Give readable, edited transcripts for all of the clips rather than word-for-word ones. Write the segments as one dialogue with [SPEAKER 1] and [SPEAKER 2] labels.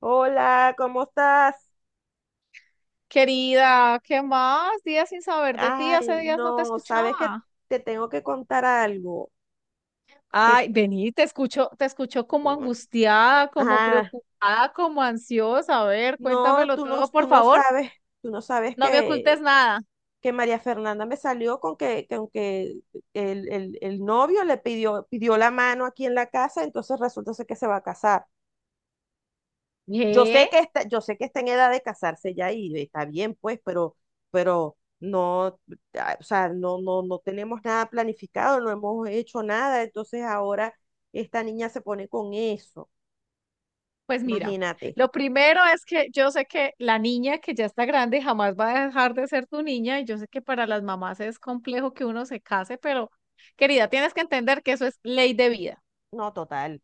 [SPEAKER 1] Hola, ¿cómo estás?
[SPEAKER 2] Querida, ¿qué más? Días sin saber de ti,
[SPEAKER 1] Ay,
[SPEAKER 2] hace días no te
[SPEAKER 1] no, sabes que
[SPEAKER 2] escuchaba.
[SPEAKER 1] te tengo que contar algo. Que,
[SPEAKER 2] Ay, vení, te escucho como angustiada, como
[SPEAKER 1] ah,
[SPEAKER 2] preocupada, como ansiosa. A ver,
[SPEAKER 1] no,
[SPEAKER 2] cuéntamelo todo, por favor.
[SPEAKER 1] tú no sabes
[SPEAKER 2] No me ocultes nada.
[SPEAKER 1] que María Fernanda me salió con que aunque el novio le pidió, pidió la mano aquí en la casa, entonces resulta ser que se va a casar.
[SPEAKER 2] ¿Eh?
[SPEAKER 1] Yo sé que está en edad de casarse ya y está bien, pues, pero no, o sea, no tenemos nada planificado, no hemos hecho nada, entonces ahora esta niña se pone con eso,
[SPEAKER 2] Pues mira,
[SPEAKER 1] imagínate.
[SPEAKER 2] lo primero es que yo sé que la niña que ya está grande jamás va a dejar de ser tu niña y yo sé que para las mamás es complejo que uno se case, pero querida, tienes que entender que eso es ley de vida.
[SPEAKER 1] No, total.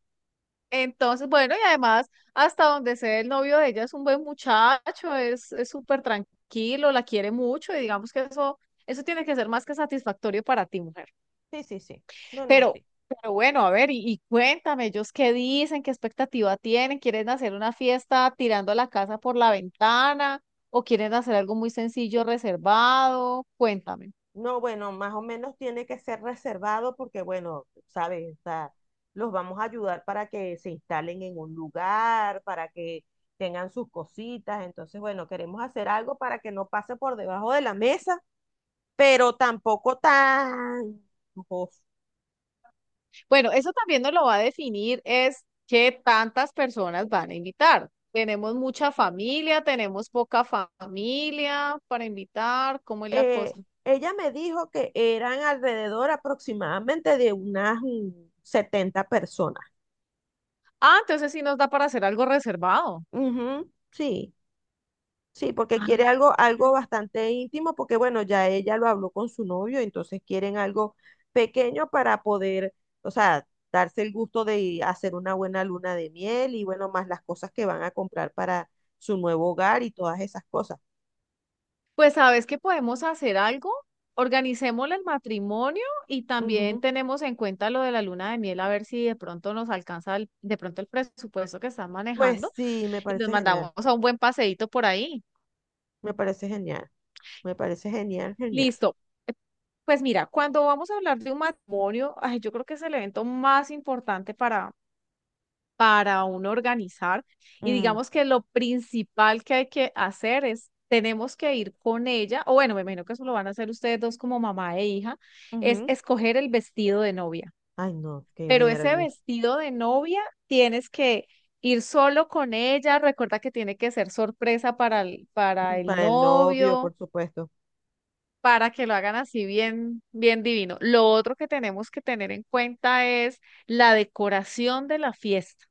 [SPEAKER 2] Entonces, bueno, y además, hasta donde sé, el novio de ella es un buen muchacho, es súper tranquilo, la quiere mucho, y digamos que eso tiene que ser más que satisfactorio para ti, mujer.
[SPEAKER 1] Sí, sí, sí. No, no,
[SPEAKER 2] Pero,
[SPEAKER 1] sí.
[SPEAKER 2] pero bueno, a ver, y cuéntame, ellos qué dicen, qué expectativa tienen, ¿quieren hacer una fiesta tirando la casa por la ventana o quieren hacer algo muy sencillo, reservado? Cuéntame.
[SPEAKER 1] No, bueno, más o menos tiene que ser reservado porque, bueno, sabes, o sea, los vamos a ayudar para que se instalen en un lugar, para que tengan sus cositas. Entonces, bueno, queremos hacer algo para que no pase por debajo de la mesa, pero tampoco tan lujoso.
[SPEAKER 2] Bueno, eso también nos lo va a definir es qué tantas personas van a invitar. Tenemos mucha familia, tenemos poca familia para invitar, ¿cómo es la
[SPEAKER 1] Eh,
[SPEAKER 2] cosa?
[SPEAKER 1] ella me dijo que eran alrededor aproximadamente de unas 70 personas.
[SPEAKER 2] Ah, entonces sí nos da para hacer algo reservado.
[SPEAKER 1] Ujú, sí. Sí, porque
[SPEAKER 2] Ah,
[SPEAKER 1] quiere algo, algo
[SPEAKER 2] mm.
[SPEAKER 1] bastante íntimo, porque bueno, ya ella lo habló con su novio, entonces quieren algo pequeño para poder, o sea, darse el gusto de hacer una buena luna de miel y bueno, más las cosas que van a comprar para su nuevo hogar y todas esas cosas.
[SPEAKER 2] Pues sabes que podemos hacer algo, organicémosle el matrimonio y también
[SPEAKER 1] Ujú.
[SPEAKER 2] tenemos en cuenta lo de la luna de miel, a ver si de pronto nos alcanza de pronto el presupuesto que están
[SPEAKER 1] Pues
[SPEAKER 2] manejando
[SPEAKER 1] sí, me
[SPEAKER 2] y nos
[SPEAKER 1] parece
[SPEAKER 2] mandamos
[SPEAKER 1] genial,
[SPEAKER 2] a un buen paseíto por ahí.
[SPEAKER 1] me parece genial, me parece genial, genial.
[SPEAKER 2] Listo. Pues mira, cuando vamos a hablar de un matrimonio, ay, yo creo que es el evento más importante para uno organizar. Y
[SPEAKER 1] Mm,
[SPEAKER 2] digamos que lo principal que hay que hacer es, tenemos que ir con ella, o bueno, me imagino que eso lo van a hacer ustedes dos como mamá e hija, es
[SPEAKER 1] ujú.
[SPEAKER 2] escoger el vestido de novia.
[SPEAKER 1] Ay, no, qué
[SPEAKER 2] Pero ese
[SPEAKER 1] nervios.
[SPEAKER 2] vestido de novia tienes que ir solo con ella. Recuerda que tiene que ser sorpresa
[SPEAKER 1] Mm.
[SPEAKER 2] para el
[SPEAKER 1] Para el novio,
[SPEAKER 2] novio
[SPEAKER 1] por supuesto.
[SPEAKER 2] para que lo hagan así bien, bien divino. Lo otro que tenemos que tener en cuenta es la decoración de la fiesta.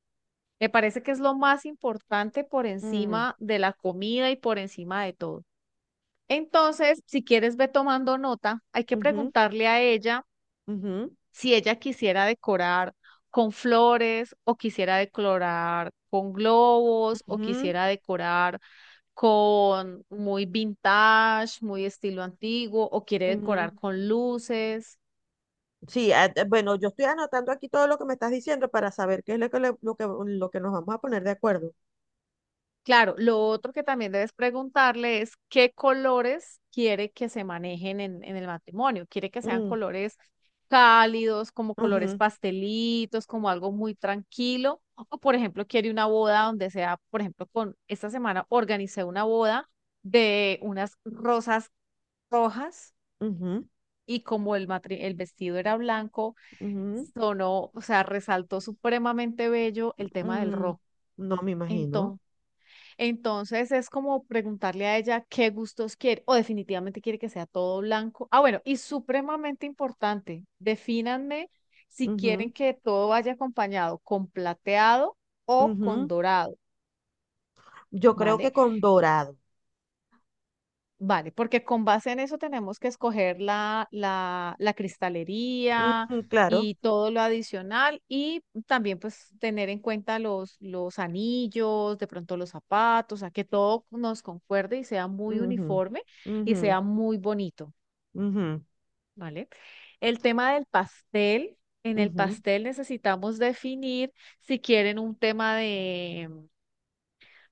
[SPEAKER 2] Me parece que es lo más importante por
[SPEAKER 1] Mm,
[SPEAKER 2] encima de la comida y por encima de todo. Entonces, si quieres, ve tomando nota. Hay que
[SPEAKER 1] ujú,
[SPEAKER 2] preguntarle a ella
[SPEAKER 1] ujú,
[SPEAKER 2] si ella quisiera decorar con flores o quisiera decorar con globos o
[SPEAKER 1] ujú,
[SPEAKER 2] quisiera decorar con muy vintage, muy estilo antiguo, o quiere
[SPEAKER 1] ujú.
[SPEAKER 2] decorar con luces.
[SPEAKER 1] Sí, bueno, yo estoy anotando aquí todo lo que me estás diciendo para saber qué es lo que nos vamos a poner de acuerdo.
[SPEAKER 2] Claro, lo otro que también debes preguntarle es qué colores quiere que se manejen en el matrimonio. Quiere que sean
[SPEAKER 1] Mm,
[SPEAKER 2] colores cálidos, como colores
[SPEAKER 1] ujú,
[SPEAKER 2] pastelitos, como algo muy tranquilo. O, por ejemplo, quiere una boda donde sea, por ejemplo, con esta semana organicé una boda de unas rosas rojas
[SPEAKER 1] ujú,
[SPEAKER 2] y como el, el vestido era blanco
[SPEAKER 1] ujú,
[SPEAKER 2] sonó, o sea, resaltó supremamente bello el tema del
[SPEAKER 1] ujú.
[SPEAKER 2] rock.
[SPEAKER 1] No me imagino.
[SPEAKER 2] Entonces, entonces es como preguntarle a ella qué gustos quiere o definitivamente quiere que sea todo blanco. Ah, bueno, y supremamente importante, defínanme si quieren que todo vaya acompañado con plateado o
[SPEAKER 1] Ujú, ujú.
[SPEAKER 2] con dorado,
[SPEAKER 1] Yo creo que
[SPEAKER 2] ¿vale?
[SPEAKER 1] con dorado.
[SPEAKER 2] Vale, porque con base en eso tenemos que escoger la, la, la cristalería
[SPEAKER 1] Ujú, claro.
[SPEAKER 2] y todo lo adicional y también pues tener en cuenta los anillos, de pronto los zapatos, a que todo nos concuerde y sea muy
[SPEAKER 1] Ujú,
[SPEAKER 2] uniforme y
[SPEAKER 1] ujú,
[SPEAKER 2] sea muy bonito,
[SPEAKER 1] ujú,
[SPEAKER 2] ¿vale? El tema del pastel, en el
[SPEAKER 1] ujú.
[SPEAKER 2] pastel necesitamos definir si quieren un tema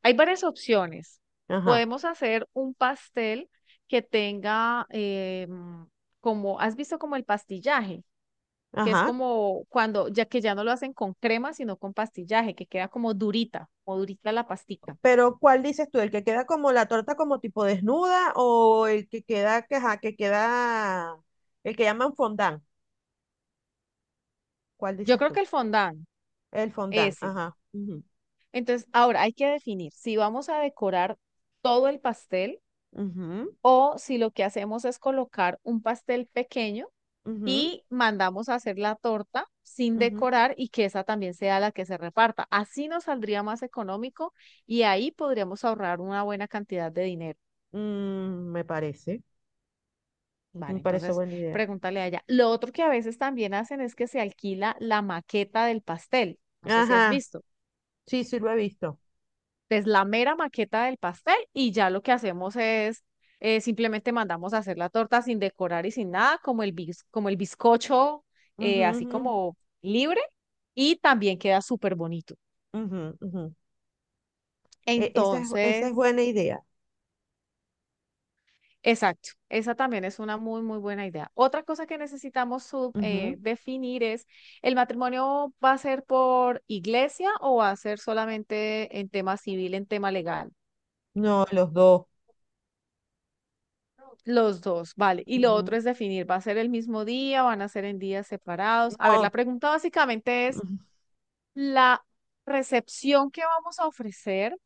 [SPEAKER 2] hay varias opciones.
[SPEAKER 1] Ajá,
[SPEAKER 2] Podemos hacer un pastel que tenga, como, ¿has visto como el pastillaje? Que es
[SPEAKER 1] ajá.
[SPEAKER 2] como cuando, ya que ya no lo hacen con crema, sino con pastillaje, que queda como durita la pastica.
[SPEAKER 1] Pero ¿cuál dices tú? ¿El que queda como la torta como tipo desnuda o el que queda, que, ajá, que queda, el que llaman fondant? ¿Cuál
[SPEAKER 2] Yo
[SPEAKER 1] dices
[SPEAKER 2] creo
[SPEAKER 1] tú?
[SPEAKER 2] que el fondant,
[SPEAKER 1] El fondant,
[SPEAKER 2] ese.
[SPEAKER 1] ajá, ujú,
[SPEAKER 2] Entonces, ahora hay que definir si vamos a decorar todo el pastel
[SPEAKER 1] ujú,
[SPEAKER 2] o si lo que hacemos es colocar un pastel pequeño
[SPEAKER 1] ujú,
[SPEAKER 2] y mandamos a hacer la torta sin
[SPEAKER 1] ujú.
[SPEAKER 2] decorar y que esa también sea la que se reparta. Así nos saldría más económico y ahí podríamos ahorrar una buena cantidad de dinero.
[SPEAKER 1] Mm, me
[SPEAKER 2] Vale,
[SPEAKER 1] parece
[SPEAKER 2] entonces
[SPEAKER 1] buena idea.
[SPEAKER 2] pregúntale a ella. Lo otro que a veces también hacen es que se alquila la maqueta del pastel. No sé si has
[SPEAKER 1] Ajá,
[SPEAKER 2] visto.
[SPEAKER 1] sí, sí lo he visto.
[SPEAKER 2] Es la mera maqueta del pastel y ya lo que hacemos es simplemente mandamos a hacer la torta sin decorar y sin nada, como el, como el bizcocho,
[SPEAKER 1] Ujú,
[SPEAKER 2] así
[SPEAKER 1] ujú,
[SPEAKER 2] como libre, y también queda súper bonito.
[SPEAKER 1] ujú, ujú. Esa es
[SPEAKER 2] Entonces,
[SPEAKER 1] buena idea.
[SPEAKER 2] exacto, esa también es una muy, muy buena idea. Otra cosa que necesitamos
[SPEAKER 1] Ujú.
[SPEAKER 2] definir es, ¿el matrimonio va a ser por iglesia o va a ser solamente en tema civil, en tema legal?
[SPEAKER 1] No, los dos.
[SPEAKER 2] Los dos, vale. Y lo
[SPEAKER 1] Ujú.
[SPEAKER 2] otro es definir, ¿va a ser el mismo día? ¿Van a ser en días separados? A ver, la
[SPEAKER 1] No,
[SPEAKER 2] pregunta básicamente es,
[SPEAKER 1] ujú,
[SPEAKER 2] ¿la recepción que vamos a ofrecer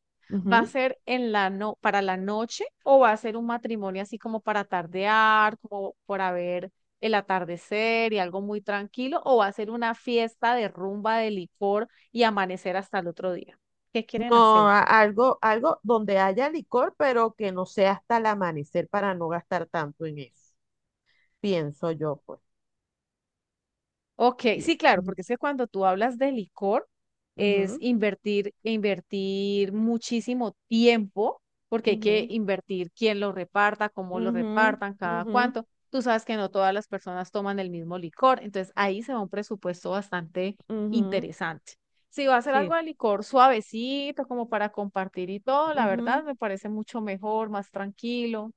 [SPEAKER 2] va a
[SPEAKER 1] ujú.
[SPEAKER 2] ser en la no para la noche o va a ser un matrimonio así como para tardear, como para ver el atardecer y algo muy tranquilo o va a ser una fiesta de rumba de licor y amanecer hasta el otro día? ¿Qué quieren
[SPEAKER 1] No,
[SPEAKER 2] hacer?
[SPEAKER 1] algo, algo donde haya licor, pero que no sea hasta el amanecer para no gastar tanto en eso. Pienso yo, pues.
[SPEAKER 2] Ok,
[SPEAKER 1] Bien.
[SPEAKER 2] sí, claro,
[SPEAKER 1] Ujú,
[SPEAKER 2] porque es que cuando tú hablas de licor es
[SPEAKER 1] ujú,
[SPEAKER 2] invertir, invertir muchísimo tiempo, porque hay que
[SPEAKER 1] ujú,
[SPEAKER 2] invertir quién lo reparta, cómo lo
[SPEAKER 1] ujú,
[SPEAKER 2] repartan, cada
[SPEAKER 1] ujú,
[SPEAKER 2] cuánto. Tú sabes que no todas las personas toman el mismo licor, entonces ahí se va un presupuesto bastante
[SPEAKER 1] ujú.
[SPEAKER 2] interesante. Si va a ser
[SPEAKER 1] Sí,
[SPEAKER 2] algo de licor suavecito, como para compartir y todo, la
[SPEAKER 1] ujú.
[SPEAKER 2] verdad me parece mucho mejor, más tranquilo.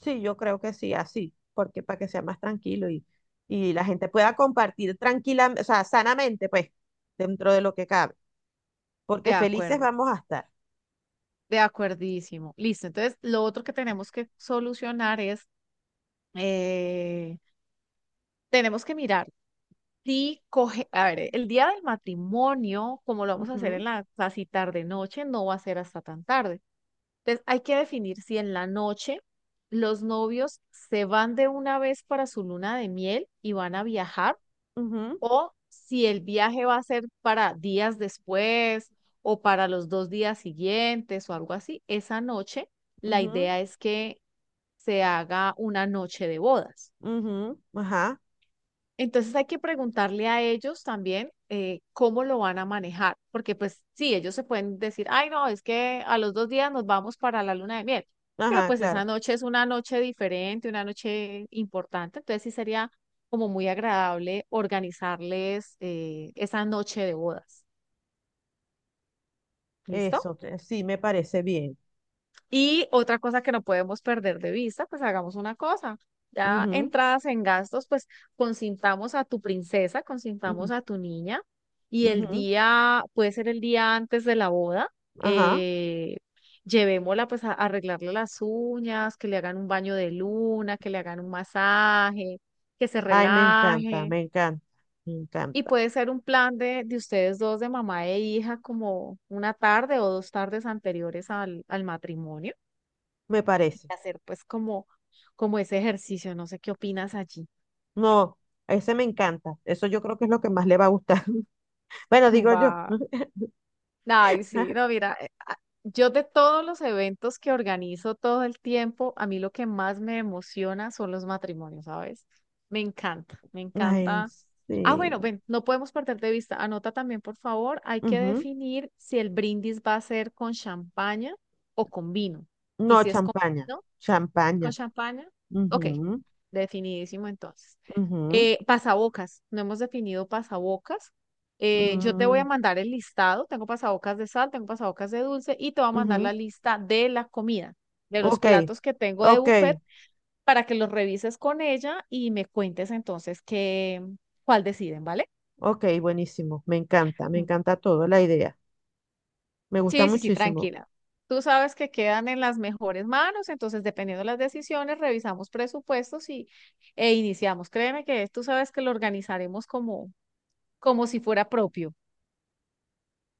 [SPEAKER 1] Sí, yo creo que sí, así, porque para que sea más tranquilo y la gente pueda compartir tranquila, o sea, sanamente, pues, dentro de lo que cabe, porque
[SPEAKER 2] De
[SPEAKER 1] felices
[SPEAKER 2] acuerdo,
[SPEAKER 1] vamos a estar.
[SPEAKER 2] de acuerdísimo. Listo, entonces lo otro que tenemos que solucionar es Eh, tenemos que mirar si coge, a ver, el día del matrimonio, como lo vamos a hacer
[SPEAKER 1] Ujú,
[SPEAKER 2] en la casi tarde noche, no va a ser hasta tan tarde. Entonces, hay que definir si en la noche los novios se van de una vez para su luna de miel y van a viajar
[SPEAKER 1] ujú,
[SPEAKER 2] o si el viaje va a ser para días después o para los dos días siguientes o algo así. Esa noche, la
[SPEAKER 1] ujú,
[SPEAKER 2] idea es que se haga una noche de bodas.
[SPEAKER 1] ujú, ajá,
[SPEAKER 2] Entonces hay que preguntarle a ellos también cómo lo van a manejar, porque pues sí, ellos se pueden decir, ay no, es que a los dos días nos vamos para la luna de miel, pero
[SPEAKER 1] ajá,
[SPEAKER 2] pues
[SPEAKER 1] claro,
[SPEAKER 2] esa noche es una noche diferente, una noche importante, entonces sí sería como muy agradable organizarles esa noche de bodas. ¿Listo?
[SPEAKER 1] eso, que sí, me parece bien.
[SPEAKER 2] Y otra cosa que no podemos perder de vista, pues hagamos una cosa. Ya
[SPEAKER 1] Ujú,
[SPEAKER 2] entradas en gastos, pues consintamos a tu princesa, consintamos
[SPEAKER 1] ujú,
[SPEAKER 2] a tu niña y el
[SPEAKER 1] ujú,
[SPEAKER 2] día, puede ser el día antes de la boda,
[SPEAKER 1] ajá,
[SPEAKER 2] eh, llevémosla pues a arreglarle las uñas, que le hagan un baño de luna, que le hagan un masaje, que se
[SPEAKER 1] ay, me encanta,
[SPEAKER 2] relaje.
[SPEAKER 1] me encanta, me
[SPEAKER 2] Y
[SPEAKER 1] encanta,
[SPEAKER 2] puede ser un plan de ustedes dos, de mamá e hija, como una tarde o dos tardes anteriores al, al matrimonio
[SPEAKER 1] me parece.
[SPEAKER 2] hacer pues como, como ese ejercicio, no sé qué opinas allí.
[SPEAKER 1] No, ese me encanta, eso yo creo que es lo que más le va a gustar. Bueno, digo yo.
[SPEAKER 2] Va. Ay, sí, no, mira, yo de todos los eventos que organizo todo el tiempo, a mí lo que más me emociona son los matrimonios, ¿sabes? Me encanta, me
[SPEAKER 1] Ay,
[SPEAKER 2] encanta. Ah, bueno,
[SPEAKER 1] sí.
[SPEAKER 2] ven, no podemos perder de vista. Anota también, por favor, hay que
[SPEAKER 1] Ujú.
[SPEAKER 2] definir si el brindis va a ser con champaña o con vino. Y
[SPEAKER 1] No,
[SPEAKER 2] si es con
[SPEAKER 1] champaña.
[SPEAKER 2] vino, ¿con
[SPEAKER 1] Champaña.
[SPEAKER 2] champaña? Ok,
[SPEAKER 1] Ujú,
[SPEAKER 2] definidísimo entonces.
[SPEAKER 1] ujú,
[SPEAKER 2] Pasabocas, no hemos definido pasabocas. Yo te voy
[SPEAKER 1] mm,
[SPEAKER 2] a mandar el listado, tengo pasabocas de sal, tengo pasabocas de dulce y te voy a mandar
[SPEAKER 1] ujú.
[SPEAKER 2] la lista de la comida, de los
[SPEAKER 1] Ok,
[SPEAKER 2] platos que tengo de
[SPEAKER 1] ok,
[SPEAKER 2] buffet para que los revises con ella y me cuentes entonces qué, cuál deciden, ¿vale?
[SPEAKER 1] ok, buenísimo. Me
[SPEAKER 2] Mm.
[SPEAKER 1] encanta todo, la idea. Me gusta
[SPEAKER 2] Sí, sí, sí,
[SPEAKER 1] muchísimo.
[SPEAKER 2] tranquila. Tú sabes que quedan en las mejores manos, entonces dependiendo de las decisiones, revisamos presupuestos y, e iniciamos. Créeme que tú sabes que lo organizaremos como, como si fuera propio,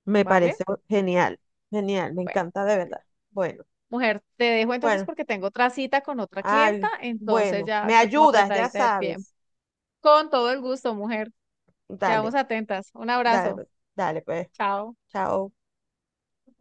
[SPEAKER 1] Me parece
[SPEAKER 2] ¿vale?
[SPEAKER 1] genial, genial, me
[SPEAKER 2] Bueno,
[SPEAKER 1] encanta de verdad. Bueno,
[SPEAKER 2] mujer, te dejo entonces
[SPEAKER 1] bueno,
[SPEAKER 2] porque tengo otra cita con otra clienta,
[SPEAKER 1] ay,
[SPEAKER 2] entonces
[SPEAKER 1] bueno,
[SPEAKER 2] ya
[SPEAKER 1] me
[SPEAKER 2] estoy como
[SPEAKER 1] ayudas, ya
[SPEAKER 2] apretadita de tiempo.
[SPEAKER 1] sabes.
[SPEAKER 2] Con todo el gusto, mujer. Quedamos
[SPEAKER 1] Dale,
[SPEAKER 2] atentas. Un
[SPEAKER 1] dale,
[SPEAKER 2] abrazo.
[SPEAKER 1] pues, dale, pues.
[SPEAKER 2] Chao.
[SPEAKER 1] Chao.